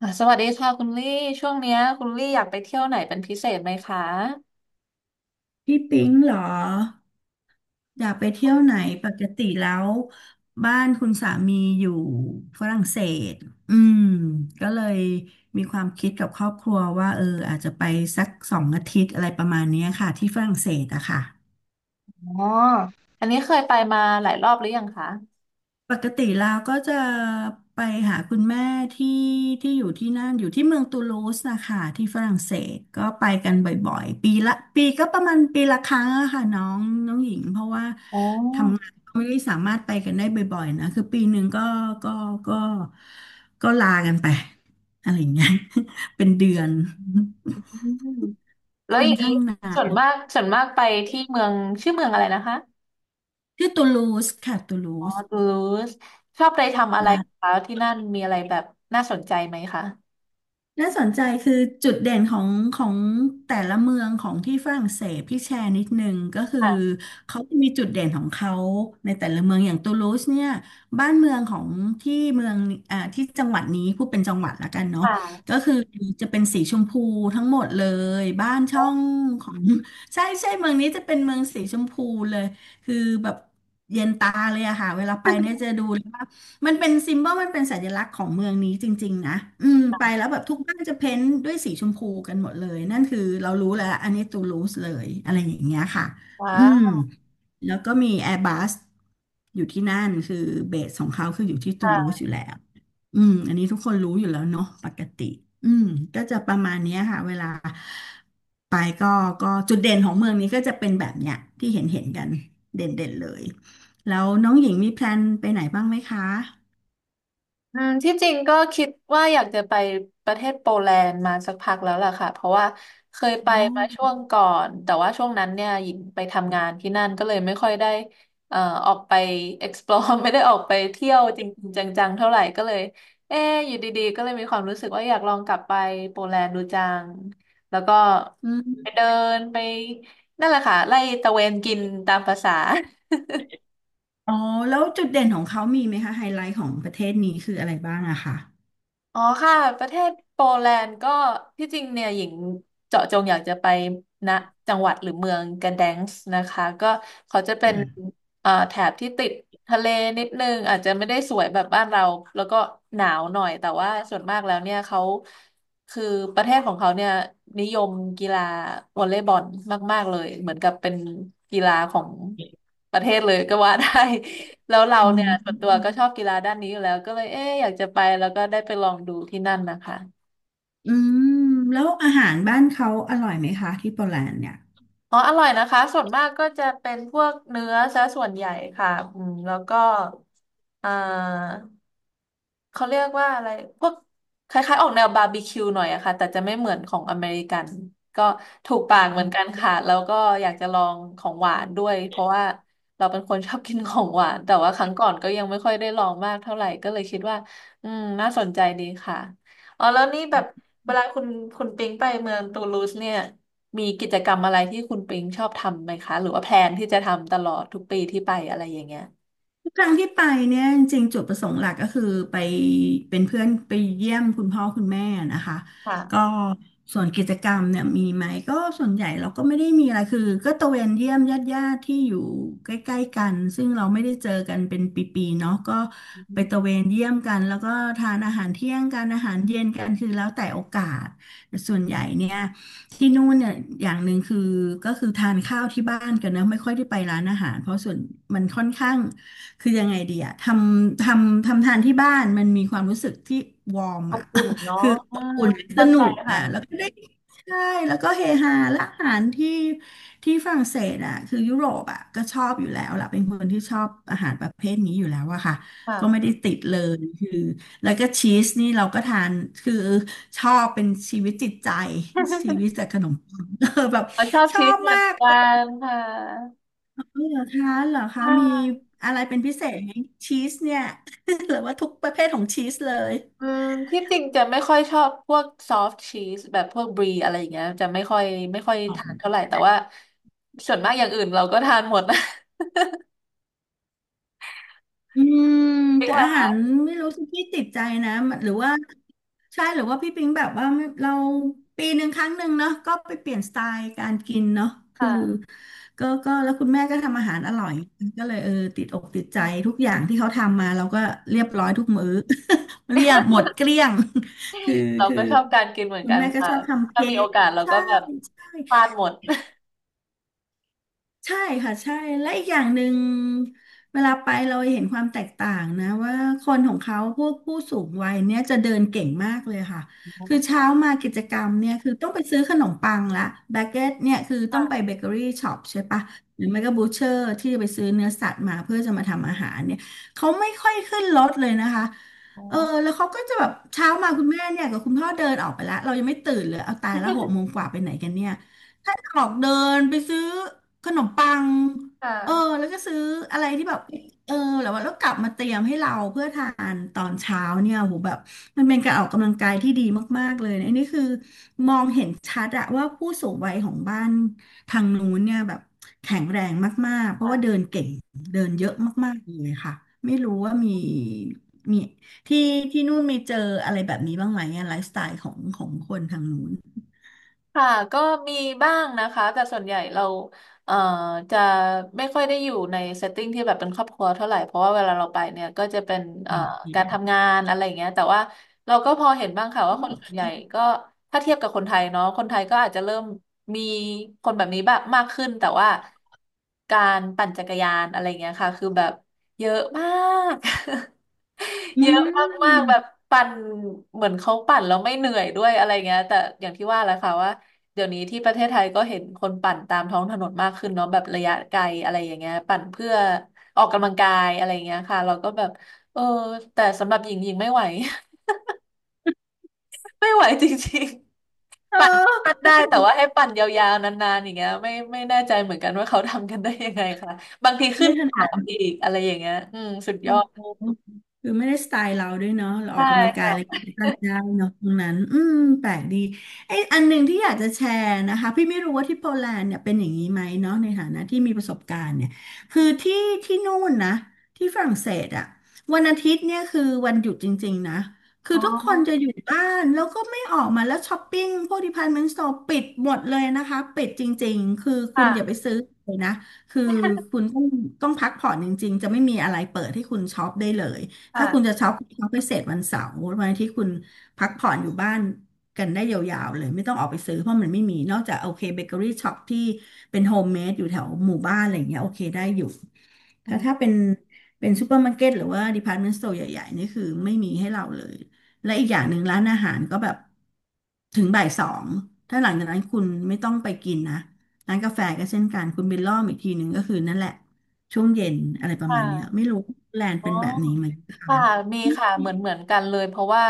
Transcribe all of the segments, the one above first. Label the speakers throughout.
Speaker 1: อ่ะสวัสดีค่ะคุณลี่ช่วงเนี้ยคุณลี่อยากไปเที่ยวไหนเป็นพิเศษไหมคะ
Speaker 2: พี่ปิ๊งเหรออยากไปเที่ยวไหนปกติแล้วบ้านคุณสามีอยู่ฝรั่งเศสอืมก็เลยมีความคิดกับครอบครัวว่าอาจจะไปสักสองอาทิตย์อะไรประมาณเนี้ยค่ะที่ฝรั่งเศสอะค่ะ
Speaker 1: อ๋ออันนี้เคยไปมาหลายรอบหรือยังคะ
Speaker 2: ปกติแล้วก็จะไปหาคุณแม่ที่ที่อยู่ที่นั่นอยู่ที่เมืองตูลูสนะคะที่ฝรั่งเศสก็ไปกันบ่อยๆปีละปีก็ประมาณปีละครั้งอะค่ะน้องน้องหญิงเพราะว่า
Speaker 1: อ๋อ
Speaker 2: ทำงานก็ไม่ได้สามารถไปกันได้บ่อยๆนะคือปีหนึ่งก็ก็ก็ลากันไปอะไรอย่างเงี้ย เป็นเดือน
Speaker 1: อืมแล้ว
Speaker 2: ค่อ
Speaker 1: อ
Speaker 2: น
Speaker 1: ย่างนี้
Speaker 2: ข้างนา
Speaker 1: ส่วน
Speaker 2: น
Speaker 1: มากส่วนมากไปที่เมืองชื่อเมืองอะไรนะคะ
Speaker 2: ที่ตูลูสค่ะตูลู
Speaker 1: อ๋อ
Speaker 2: ส
Speaker 1: ตูลูสชอบไปทำอะไรคะที่นั่นมีอะไรแบบน่าสนใจไหมคะ
Speaker 2: น่าสนใจคือจุดเด่นของแต่ละเมืองของที่ฝรั่งเศสพี่แชร์นิดนึงก็คือ
Speaker 1: ค่ะ
Speaker 2: เขาจะมีจุดเด่นของเขาในแต่ละเมืองอย่างตูลูสเนี่ยบ้านเมืองของที่เมืองที่จังหวัดนี้พูดเป็นจังหวัดละกันเนาะ
Speaker 1: ค่ะ
Speaker 2: ก็คือจะเป็นสีชมพูทั้งหมดเลยบ้านช่องของ ใช่ใช่เมืองนี้จะเป็นเมืองสีชมพูเลยคือแบบเย็นตาเลยอะค่ะเวลาไปเนี่ยจะดูเลยว่า มันเป็นซิม b บ l มันเป็นสัญลักษณ์ของเมืองนี้จริงๆนะไปแล้วแบบทุกบ้านจะเพ้นท์ด้วยสีชมพูกันหมดเลย นั่นคือเรารู้แล้วอันนี้ตูลูสเลยอะไรอย่างเงี้ยค่ะ
Speaker 1: ว้า
Speaker 2: อืมแล้วก็มีแอร์บัสอยู่ที่นั่นคือเบสของเขาคืออยู่ที่ตูลูส
Speaker 1: ว
Speaker 2: อยู่แล้วอันนี้ทุกคนรู้อยู่แล้วเนาะปกติอืมก็จะประมาณเนี้ยค่ะเวลาไปก็ก็จุดเด่นของเมืองนี้ก็จะเป็นแบบเนี้ยที่เห็นเห็นกันเด่นเด่นเลยแล้วน้องหญิงมีแพลนไปไหนบ้างไหมคะ
Speaker 1: อืมที่จริงก็คิดว่าอยากจะไปประเทศโปแลนด์มาสักพักแล้วล่ะค่ะเพราะว่าเคยไปมาช่วงก่อนแต่ว่าช่วงนั้นเนี่ยหญิงไปทำงานที่นั่นก็เลยไม่ค่อยได้เอ่อออกไป explore ไม่ได้ออกไปเที่ยวจริงๆจังๆเท่าไหร่ก็เลยเอ๊ะอยู่ดีๆก็เลยมีความรู้สึกว่าอยากลองกลับไปโปแลนด์ดูจังแล้วก็
Speaker 2: อื
Speaker 1: ไป
Speaker 2: ม
Speaker 1: เดินไปนั่นแหละค่ะไล่ตะเวนกินตามภาษา
Speaker 2: อ๋อแล้วจุดเด่นของเขามีไหมคะไฮไลท์ของประเทศนี้คืออะไรบ้างอะค่ะ
Speaker 1: อ๋อค่ะประเทศโปแลนด์ก็ที่จริงเนี่ยหญิงเจาะจงอยากจะไปนะจังหวัดหรือเมืองกระแดงส์นะคะก็เขาจะเป็
Speaker 2: อื
Speaker 1: น
Speaker 2: ม
Speaker 1: แถบที่ติดทะเลนิดนึงอาจจะไม่ได้สวยแบบบ้านเราแล้วก็หนาวหน่อยแต่ว่าส่วนมากแล้วเนี่ยเขาคือประเทศของเขาเนี่ยนิยมกีฬาวอลเลย์บอลมากๆเลยเหมือนกับเป็นกีฬาของประเทศเลยก็ว่าได้ แล้วเรา
Speaker 2: อ๋
Speaker 1: เนี่ยส่
Speaker 2: อ
Speaker 1: วนตัวก็ชอบกีฬาด้านนี้อยู่แล้วก็เลยเอ๊ะอยากจะไปแล้วก็ได้ไปลองดูที่นั่นนะคะ
Speaker 2: อืมแล้วอาหารบ้านเขาอร่อยไหมคะที่โปแลนด์เนี่ย
Speaker 1: อ๋ออร่อยนะคะส่วนมากก็จะเป็นพวกเนื้อซะส่วนใหญ่ค่ะอืมแล้วก็อ่า เขาเรียกว่าอะไรพวกคล้ายๆออกแนวบาร์บีคิวหน่อยอะค่ะแต่จะไม่เหมือนของอเมริกันก็ถูกปากเหมือนกันค่ะแล้วก็อยากจะลองของหวานด้วยเพราะว่าเราเป็นคนชอบกินของหวานแต่ว่าครั้งก่อนก็ยังไม่ค่อยได้ลองมากเท่าไหร่ก็เลยคิดว่าอืมน่าสนใจดีค่ะอ๋อแล้วนี่แบบเวลาคุณปิงไปเมืองตูลูสเนี่ยมีกิจกรรมอะไรที่คุณปิงชอบทำไหมคะหรือว่าแพลนที่จะทำตลอดทุกปีที่ไปอะไรอย่างเงี้ย
Speaker 2: ทุกครั้งที่ไปเนี่ยจริงๆจุดประสงค์หลักก็คือไปเป็นเพื่อนไปเยี่ยมคุณพ่อคุณแม่นะคะก็
Speaker 1: ค่ะ
Speaker 2: ส่วนกิจกรรมเนี่ยมีไหมก็ส่วนใหญ่เราก็ไม่ได้มีอะไรคือก็ตระเวนเยี่ยมญาติญาติที่อยู่ใกล้ๆกันซึ่งเราไม่ได้เจอกันเป็นปีๆเนาะก็ไปตระเวนเยี่ยมกันแล้วก็ทานอาหารเที่ยงกันอาหารเย็นกันคือแล้วแต่โอกาสแต่ส่วนใหญ่เนี่ยที่นู่นเนี่ยอย่างหนึ่งคือก็คือทานข้าวที่บ้านกันนะไม่ค่อยได้ไปร้านอาหารเพราะส่วนมันค่อนข้าง คือยังไงดีอะทำทานที่บ้านมันมีความรู้สึกที่วอร์ม
Speaker 1: อบ
Speaker 2: อะ
Speaker 1: คุนเนาะอืม
Speaker 2: อุ่นส
Speaker 1: เข้า
Speaker 2: นุ
Speaker 1: ใจ
Speaker 2: กอะแล้
Speaker 1: ค่ะ
Speaker 2: วก็ได้ใช่แล้วก็เฮฮาและอาหารที่ที่ฝรั่งเศสอะคือยุโรปอะก็ชอบอยู่แล้วล่ะเป็นคนที่ชอบอาหารประเภทนี้อยู่แล้วอะค่ะ ก็ไม่ได้
Speaker 1: ค่ะ
Speaker 2: ติดเลยคือแล้วก็ชีสนี่เราก็ทานคือชอบเป็นชีวิตจิตใจชีวิต จากขนมปัง แบบ
Speaker 1: เราชอบ
Speaker 2: ชอ
Speaker 1: ชีวิต
Speaker 2: บ
Speaker 1: เหมือ
Speaker 2: มา
Speaker 1: น
Speaker 2: ก
Speaker 1: กันค่ะ
Speaker 2: อ๋อเหรอคะเหรอ
Speaker 1: ค
Speaker 2: คะมี
Speaker 1: ่ะ
Speaker 2: อะไรเป็นพิเศษไหมชีสเนี่ย หรือว่าทุกประเภทของชีสเลย
Speaker 1: อืมที่จริงจะไม่ค่อยชอบพวกซอฟต์ชีสแบบพวกบรีอะไรอย่างเงี้ยจะไม่ค่อยทานเท่าไหร่แต่ว่าส่วนมากอย่างอื่นเราก็ทานหมดนะ
Speaker 2: อืม
Speaker 1: จริง
Speaker 2: แต่
Speaker 1: แล้
Speaker 2: อา
Speaker 1: ว
Speaker 2: หารไม่รู้สิพี่ติดใจนะมันหรือว่าใช่หรือว่าพี่ปิงแบบว่าไม่เราปีหนึ่งครั้งหนึ่งเนาะก็ไปเปลี่ยนสไตล์การกินเนาะ
Speaker 1: ค
Speaker 2: คือ
Speaker 1: ่ะ
Speaker 2: ก็แล้วคุณแม่ก็ทำอาหารอร่อยก็เลยติดอกติดใจ
Speaker 1: อืม
Speaker 2: ทุกอย่างที่เขาทำมาเราก็เรียบร้อยทุกมื้อ เรียบหมดเกลี้ยง คือ
Speaker 1: เรา
Speaker 2: คือ
Speaker 1: ก็ชอบการกินเหมือน
Speaker 2: คุณ
Speaker 1: กัน
Speaker 2: แม่ก็
Speaker 1: ค่ะ
Speaker 2: ชอบทำ
Speaker 1: ถ้า
Speaker 2: เค้
Speaker 1: มีโอ
Speaker 2: ก
Speaker 1: กาสเรา
Speaker 2: ใช่
Speaker 1: ก็แบบทานหมด
Speaker 2: ใช่ค่ะใช่และอีกอย่างหนึ่งเวลาไปเราเห็นความแตกต่างนะว่าคนของเขาพวกผู้สูงวัยเนี่ยจะเดินเก่งมากเลยค่ะคือ เช้า
Speaker 1: ค่ะ
Speaker 2: มากิจกรรมเนี่ยคือต้องไปซื้อขนมปังละแบเกตเนี่ยคือต้องไปเบ
Speaker 1: ค่ะ
Speaker 2: เกอรี่ช็อปใช่ปะหรือไม่ก็บูเชอร์ที่จะไปซื้อเนื้อสัตว์มาเพื่อจะมาทำอาหารเนี่ยเขาไม่ค่อยขึ้นรถเลยนะคะ
Speaker 1: อ๋อ
Speaker 2: เออแล้วเขาก็จะแบบเช้ามาคุณแม่เนี่ยกับคุณพ่อเดินออกไปแล้วเรายังไม่ตื่นเลยเอาตายละหกโมงกว่าไปไหนกันเนี่ย ถ้าออกเดินไปซื้อขนมปัง
Speaker 1: ค่
Speaker 2: เออ
Speaker 1: ะ
Speaker 2: แล้วก็ซื้ออะไรที่แบบเออแล้วว่าแล้วกลับมาเตรียมให้เราเพื่อทานตอนเช้าเนี่ยโหแบบมันเป็นการออกกำลังกายที่ดีมากๆเลยนะอันนี้คือมองเห็นชัดอะว่าผู้สูงวัยของบ้านทางนู้นเนี่ยแบบแข็งแรงมากๆเพราะว่าเดิ
Speaker 1: ค่ะ
Speaker 2: นเก่งเดินเยอะมากๆเลยค่ะไม่รู้ว่ามีที่ที่นู่นมีเจออะไรแบบนี้บ้างไหมอะไลฟ์สไตล์ของคนทางนู้น
Speaker 1: ค่ะก็มีบ้างนะคะแต่ส่วนใหญ่เราเอ่อจะไม่ค่อยได้อยู่ในเซตติ้งที่แบบเป็นครอบครัวเท่าไหร่เพราะว่าเวลาเราไปเนี่ยก็จะเป็นเอ่
Speaker 2: อื
Speaker 1: อ
Speaker 2: มอืม
Speaker 1: การทำงานอะไรอย่างเงี้ยแต่ว่าเราก็พอเห็นบ้างค่ะว่า
Speaker 2: โอ
Speaker 1: คนส่วนใหญ่
Speaker 2: เค
Speaker 1: ก็ถ้าเทียบกับคนไทยเนาะคนไทยก็อาจจะเริ่มมีคนแบบนี้บ้างมากขึ้นแต่ว่าการปั่นจักรยานอะไรอย่างเงี้ยค่ะคือแบบเยอะมาก เยอะมากๆแบบปั่นเหมือนเขาปั่นแล้วไม่เหนื่อยด้วยอะไรเงี้ยแต่อย่างที่ว่าแหละค่ะว่า เดี๋ยวนี้ที่ประเทศไทยก็เห็นคนปั่นตามท้องถนนมากขึ้นเนาะแบบระยะไกลอะไรอย่างเงี้ยปั่นเพื่อออกกำลังกายอะไรอย่างเงี้ยค่ะเราก็แบบเออแต่สำหรับหญิงหญิงไม่ไหว ไม่ไหวจริง
Speaker 2: เอ
Speaker 1: ๆปั่น
Speaker 2: อ
Speaker 1: ได้แต่ว่าให้ปั่นยาวๆนานๆอย่างเงี้ยไม่แน่ใจเหมือนกันว่าเขาทำกันได้ยังไงค่ะบางทีขึ้
Speaker 2: ไม่
Speaker 1: น
Speaker 2: ถ
Speaker 1: เขา
Speaker 2: นัด
Speaker 1: อีกอะไรอย่างเงี้ยอืมสุดย
Speaker 2: โอ้
Speaker 1: อด
Speaker 2: โหคือไม่ได้สไตล์เราด้วยเนาะเราอ
Speaker 1: ใช่
Speaker 2: อกกำลังกาย
Speaker 1: ค่ะ
Speaker 2: อะไรกันได้เนาะตรงนั้นอืมแปลกดีไอ้ยอันหนึ่งที่อยากจะแชร์นะคะพี่ไม่รู้ว่าที่โปแลนด์เนี่ยเป็นอย่างนี้ไหมเนาะในฐานะที่มีประสบการณ์เนี่ยคือที่นู่นนะที่ฝรั่งเศสอะวันอาทิตย์เนี่ยคือวันหยุดจริงๆนะคือ
Speaker 1: อ๋อ
Speaker 2: ทุกคนจะอยู่บ้านแล้วก็ไม่ออกมาแล้วช้อปปิ้งพวก department store ปิดหมดเลยนะคะปิดจริงๆคือคุณอย่า
Speaker 1: ค่ะ
Speaker 2: ไปซื้อเลยนะ คือคุณต้องพักผ่อนจริงๆ จะไม่มีอะไรเปิดให้คุณช็อปได้เลย ถ้าคุณ
Speaker 1: ค่ะ
Speaker 2: จะช็อปคุณช็อปไปเสร็จวันเสาร์วันอาที่คุณพักผ่อนอยู่บ้านกันได้ยาวๆเลยไม่ต้องออกไปซื้อเพราะมันไม่มี นอกจากโอเคเบเกอรี่ช็อปที่เป็นโฮมเมดอยู่แถวหมู่บ้านอะไรอย่างเงี้ยโอเคได้อยู่แต่ถ้าเป็นซูเปอร์มาร์เก็ตหรือว่าดีพาร์ตเมนต์สโตร์ใหญ่ๆนี่คือไม่มีให้เราเลย และอีกอย่างหนึ่งร้านอาหารก็แบบถึงบ่าย 2ถ้าหลังจากนั้นคุณไม่ต้องไปกินนะ ร้านกาแฟก็เช่นกันคุณบิลล่อมอีกทีหนึ่งก็คือนั่นแหละช่วงเย็นอะไรประ
Speaker 1: ค่ะ
Speaker 2: มาณเนี้ยไม่รู้แลนด์
Speaker 1: อ๋อ
Speaker 2: เป็นแบบนี้ไหม
Speaker 1: ค่ะมี
Speaker 2: อื
Speaker 1: ค่ะ
Speaker 2: ม
Speaker 1: เหมือนกันเลยเพราะว่า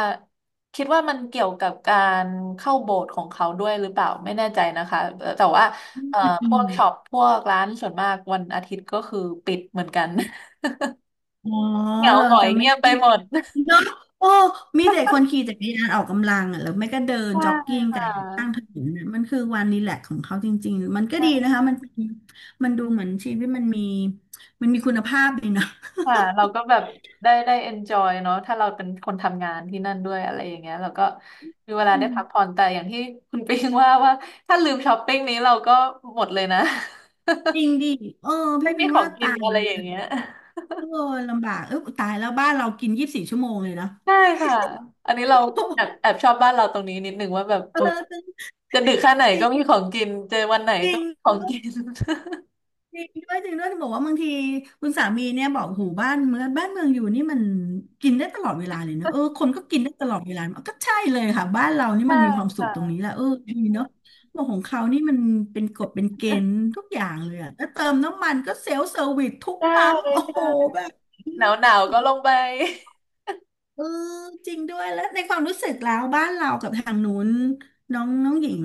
Speaker 1: คิดว่ามันเกี่ยวกับการเข้าโบสถ์ของเขาด้วยหรือเปล่าไม่แน่ใจนะคะแต่ว่าเอ่อ
Speaker 2: อ
Speaker 1: พวกช็อป
Speaker 2: ม
Speaker 1: พวกร้านส่วนมากวันอาทิตย์ก็คือปิดเหมือนกัน
Speaker 2: อ๋อ
Speaker 1: เหงา
Speaker 2: เรา
Speaker 1: หงอ
Speaker 2: จะ
Speaker 1: ย
Speaker 2: ไม่
Speaker 1: เงียบไปหมด
Speaker 2: เนาะโอ้มีแต่คนขี่จักรยานออกกำลังอ่ะแล้วไม่ก็เดิน
Speaker 1: ใช่
Speaker 2: จ็อกกิ้ง
Speaker 1: ค่
Speaker 2: กันข้างถ
Speaker 1: ะ
Speaker 2: นนนะมันคือวันรีแลกซ์ของเขาจริงๆมันก็ดีนะ
Speaker 1: ใช่
Speaker 2: คะมันดูเหมือนชีวิตมันมีคุณภาพดีนะ
Speaker 1: ค่ะเราก็แบบได้ enjoy เนอะถ้าเราเป็นคนทำงานที่นั่นด้วยอะไรอย่างเงี้ยเราก็มีเวลา
Speaker 2: อื
Speaker 1: ได้
Speaker 2: ม
Speaker 1: พักผ่อนแต่อย่างที่คุณปิงว่าถ้าลืมช้อปปิ้งนี้เราก็หมดเลยนะ
Speaker 2: จริงดิเออ
Speaker 1: ไม่
Speaker 2: พี่
Speaker 1: มี
Speaker 2: พิง
Speaker 1: ของ
Speaker 2: ว่า
Speaker 1: กิน
Speaker 2: ตา
Speaker 1: อะไร
Speaker 2: ย
Speaker 1: อย่างเงี้ย
Speaker 2: เออลำบากเออตายแล้วบ้านเรากิน24 ชั่วโมงเลยนะ
Speaker 1: ใช่ค่ะอันนี้เราแอบชอบบ้านเราตรงนี้นิดนึงว่าแบบ เอ
Speaker 2: เอ
Speaker 1: อ
Speaker 2: อ
Speaker 1: จะดึกแค่ไหน
Speaker 2: จริ
Speaker 1: ก็มี
Speaker 2: ง
Speaker 1: ของกินเจอวันไหน
Speaker 2: จริ
Speaker 1: ก็
Speaker 2: ง
Speaker 1: มีของ
Speaker 2: ด้วย
Speaker 1: กิน
Speaker 2: จริงด้วยจริงด้วยจะบอกว่าบางทีคุณสามีเนี่ยบอกหูบ้านเมืองบ้านเมืองอยู่นี่มันกินได้ตลอดเวลาเลยเนอะเออคนก็กินได้ตลอดเวลาก็ใช่เลยค่ะบ้านเรา นี่
Speaker 1: ใช่
Speaker 2: มันมีความสุขตรง
Speaker 1: ค่ะ
Speaker 2: นี้แหละเออดีเนาะบอกของเขานี่มันเป็นกฎเป็นเกณฑ์ทุกอย่างเลยอะแล้วเติมน้ำมันก็เซลฟ์เซอร์วิสทุก
Speaker 1: ใช่
Speaker 2: ปั๊มโอ้โห
Speaker 1: ใช่
Speaker 2: แบบ
Speaker 1: หนาวหนาวก็ลงไป
Speaker 2: เออจริงด้วยแล้วในความรู้สึกแล้วบ้านเรากับทางนู้นน้องน้องหญิง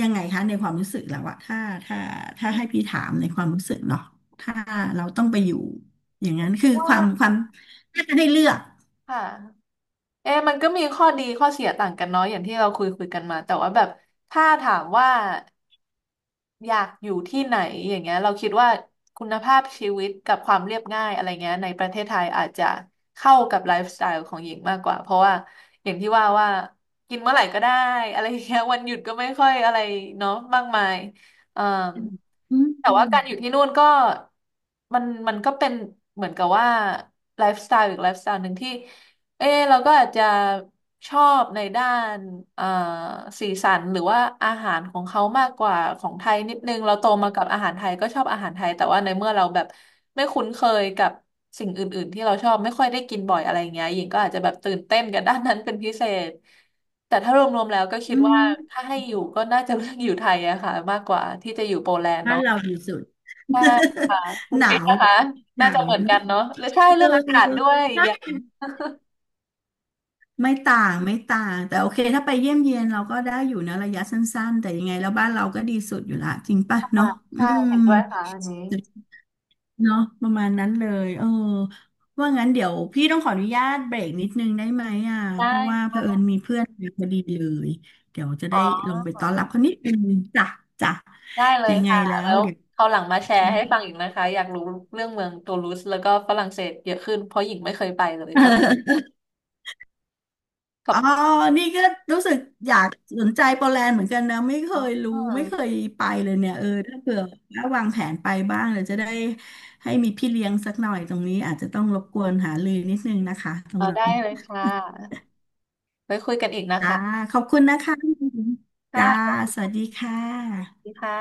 Speaker 2: ยังไงคะในความรู้สึกแล้วอะถ้าถ้าให้พี่ถามในความรู้สึกเนาะถ้าเราต้องไปอยู่อย่างนั้นคือ
Speaker 1: ว่า
Speaker 2: ความถ้าจะให้เลือก
Speaker 1: ค่ะเอ๊ะมันก็มีข้อดีข้อเสียต่างกันเนาะอย่างที่เราคุยกันมาแต่ว่าแบบถ้าถามว่า อยากอยู่ที่ไหนอย่างเงี้ยเราคิดว่าคุณภาพชีวิตกับความเรียบง่ายอะไรเงี้ยในประเทศไทยอาจจะเข้ากับไลฟ์สไตล์ของหญิงมากกว่าเพราะว่าอย่างที่ว่ากินเมื่อไหร่ก็ได้อะไรเงี้ยวันหยุดก็ไม่ค่อยอะไรเนาะมากมายเอ่อ
Speaker 2: อืมอ
Speaker 1: แต่
Speaker 2: ื
Speaker 1: ว่า
Speaker 2: ม
Speaker 1: การอยู่ที่นู่นก็มันก็เป็นเหมือนกับว่าไลฟ์สไตล์อีกไลฟ์สไตล์หนึ่งที่ เออเราก็อาจจะชอบในด้านเอ่อสีสันหรือว่าอาหารของเขามากกว่าของไทยนิดนึงเราโตมากับอาหารไทยก็ชอบอาหารไทยแต่ว่าในเมื่อเราแบบไม่คุ้นเคยกับสิ่งอื่นๆที่เราชอบไม่ค่อยได้กินบ่อยอะไรเงี้ยหญิงก็อาจจะแบบตื่นเต้นกับด้านนั้นเป็นพิเศษแต่ถ้ารวมๆแล้วก็คิด
Speaker 2: อื
Speaker 1: ว่า
Speaker 2: ม
Speaker 1: ถ้าให้อยู่ก็น่าจะเลือกอยู่ไทยอะค่ะมากกว่าที่จะอยู่โปแลนด์
Speaker 2: บ้าน
Speaker 1: เนาะ
Speaker 2: เราดีสุด
Speaker 1: ใช่ค่ะคุ
Speaker 2: ห
Speaker 1: ณ
Speaker 2: นา
Speaker 1: เป็น
Speaker 2: ว
Speaker 1: นะคะ
Speaker 2: หนา
Speaker 1: น่าจะ
Speaker 2: ว
Speaker 1: เหมือ
Speaker 2: เน
Speaker 1: นกัน
Speaker 2: อะ
Speaker 1: เนาะหรือใช่
Speaker 2: เอ
Speaker 1: เรื่องอากาศด้
Speaker 2: อ
Speaker 1: วยอีก
Speaker 2: ใช่
Speaker 1: อย่าง
Speaker 2: ไม่ต่างไม่ต่างแต่โอเคถ้าไปเยี่ยมเยียนเราก็ได้อยู่นะระยะสั้นๆแต่ยังไงแล้วบ้านเราก็ดีสุดอยู่ละจริงป่ะเนาะ
Speaker 1: ค่ะ
Speaker 2: อื
Speaker 1: ใช่เห็
Speaker 2: ม
Speaker 1: นด้วยค่ะอันนี้
Speaker 2: เนาะประมาณนั้นเลยเออว่างั้นเดี๋ยวพี่ต้องขออนุญาตเบรกนิดนึงได้ไหมอ่ะ
Speaker 1: ได
Speaker 2: เพราะว่าเผ
Speaker 1: ้
Speaker 2: อิญมีเพื่อนมาพอดีเลยเดี๋ยวจะ
Speaker 1: อ๋อ
Speaker 2: ได้ลงไปต้อนรับเขานิดนึงจ้ะจ้ะ
Speaker 1: ได้เลย
Speaker 2: ยังไง
Speaker 1: ค่ะ
Speaker 2: แล้
Speaker 1: แล้
Speaker 2: ว
Speaker 1: ว
Speaker 2: เดี๋ยว
Speaker 1: คราวหลังมาแชร์ให้ฟังอีกนะคะอยากรู้เรื่องเมืองตูลูสแล้วก็ฝรั่งเศสเยอะขึ้นเพราะหญิงไม่เคยไปเลยก็ ขอ
Speaker 2: อ๋
Speaker 1: บ
Speaker 2: อ
Speaker 1: คุณ
Speaker 2: นี่ก็รู้สึกอยากสนใจโปแลนด์เหมือนกันนะไม่เค
Speaker 1: อ๋
Speaker 2: ย
Speaker 1: อ
Speaker 2: รู้ไม่เคยไปเลยเนี่ยเออถ้าเผื่อว่าวางแผนไปบ้างเดี๋ยวจะได้ให้มีพี่เลี้ยงสักหน่อยตรงนี้อาจจะต้องรบกวนหาลือนิดนึงนะคะตร
Speaker 1: อ
Speaker 2: ง
Speaker 1: อ
Speaker 2: นั้
Speaker 1: ได้
Speaker 2: น
Speaker 1: เลยค่ะไว้คุยกันอีกนะ
Speaker 2: จ้า
Speaker 1: คะ
Speaker 2: ขอบคุณนะคะ
Speaker 1: ค่ะ
Speaker 2: จ้า
Speaker 1: ขอบ
Speaker 2: สวัสดีค่
Speaker 1: คุ
Speaker 2: ะ
Speaker 1: ณค่ะ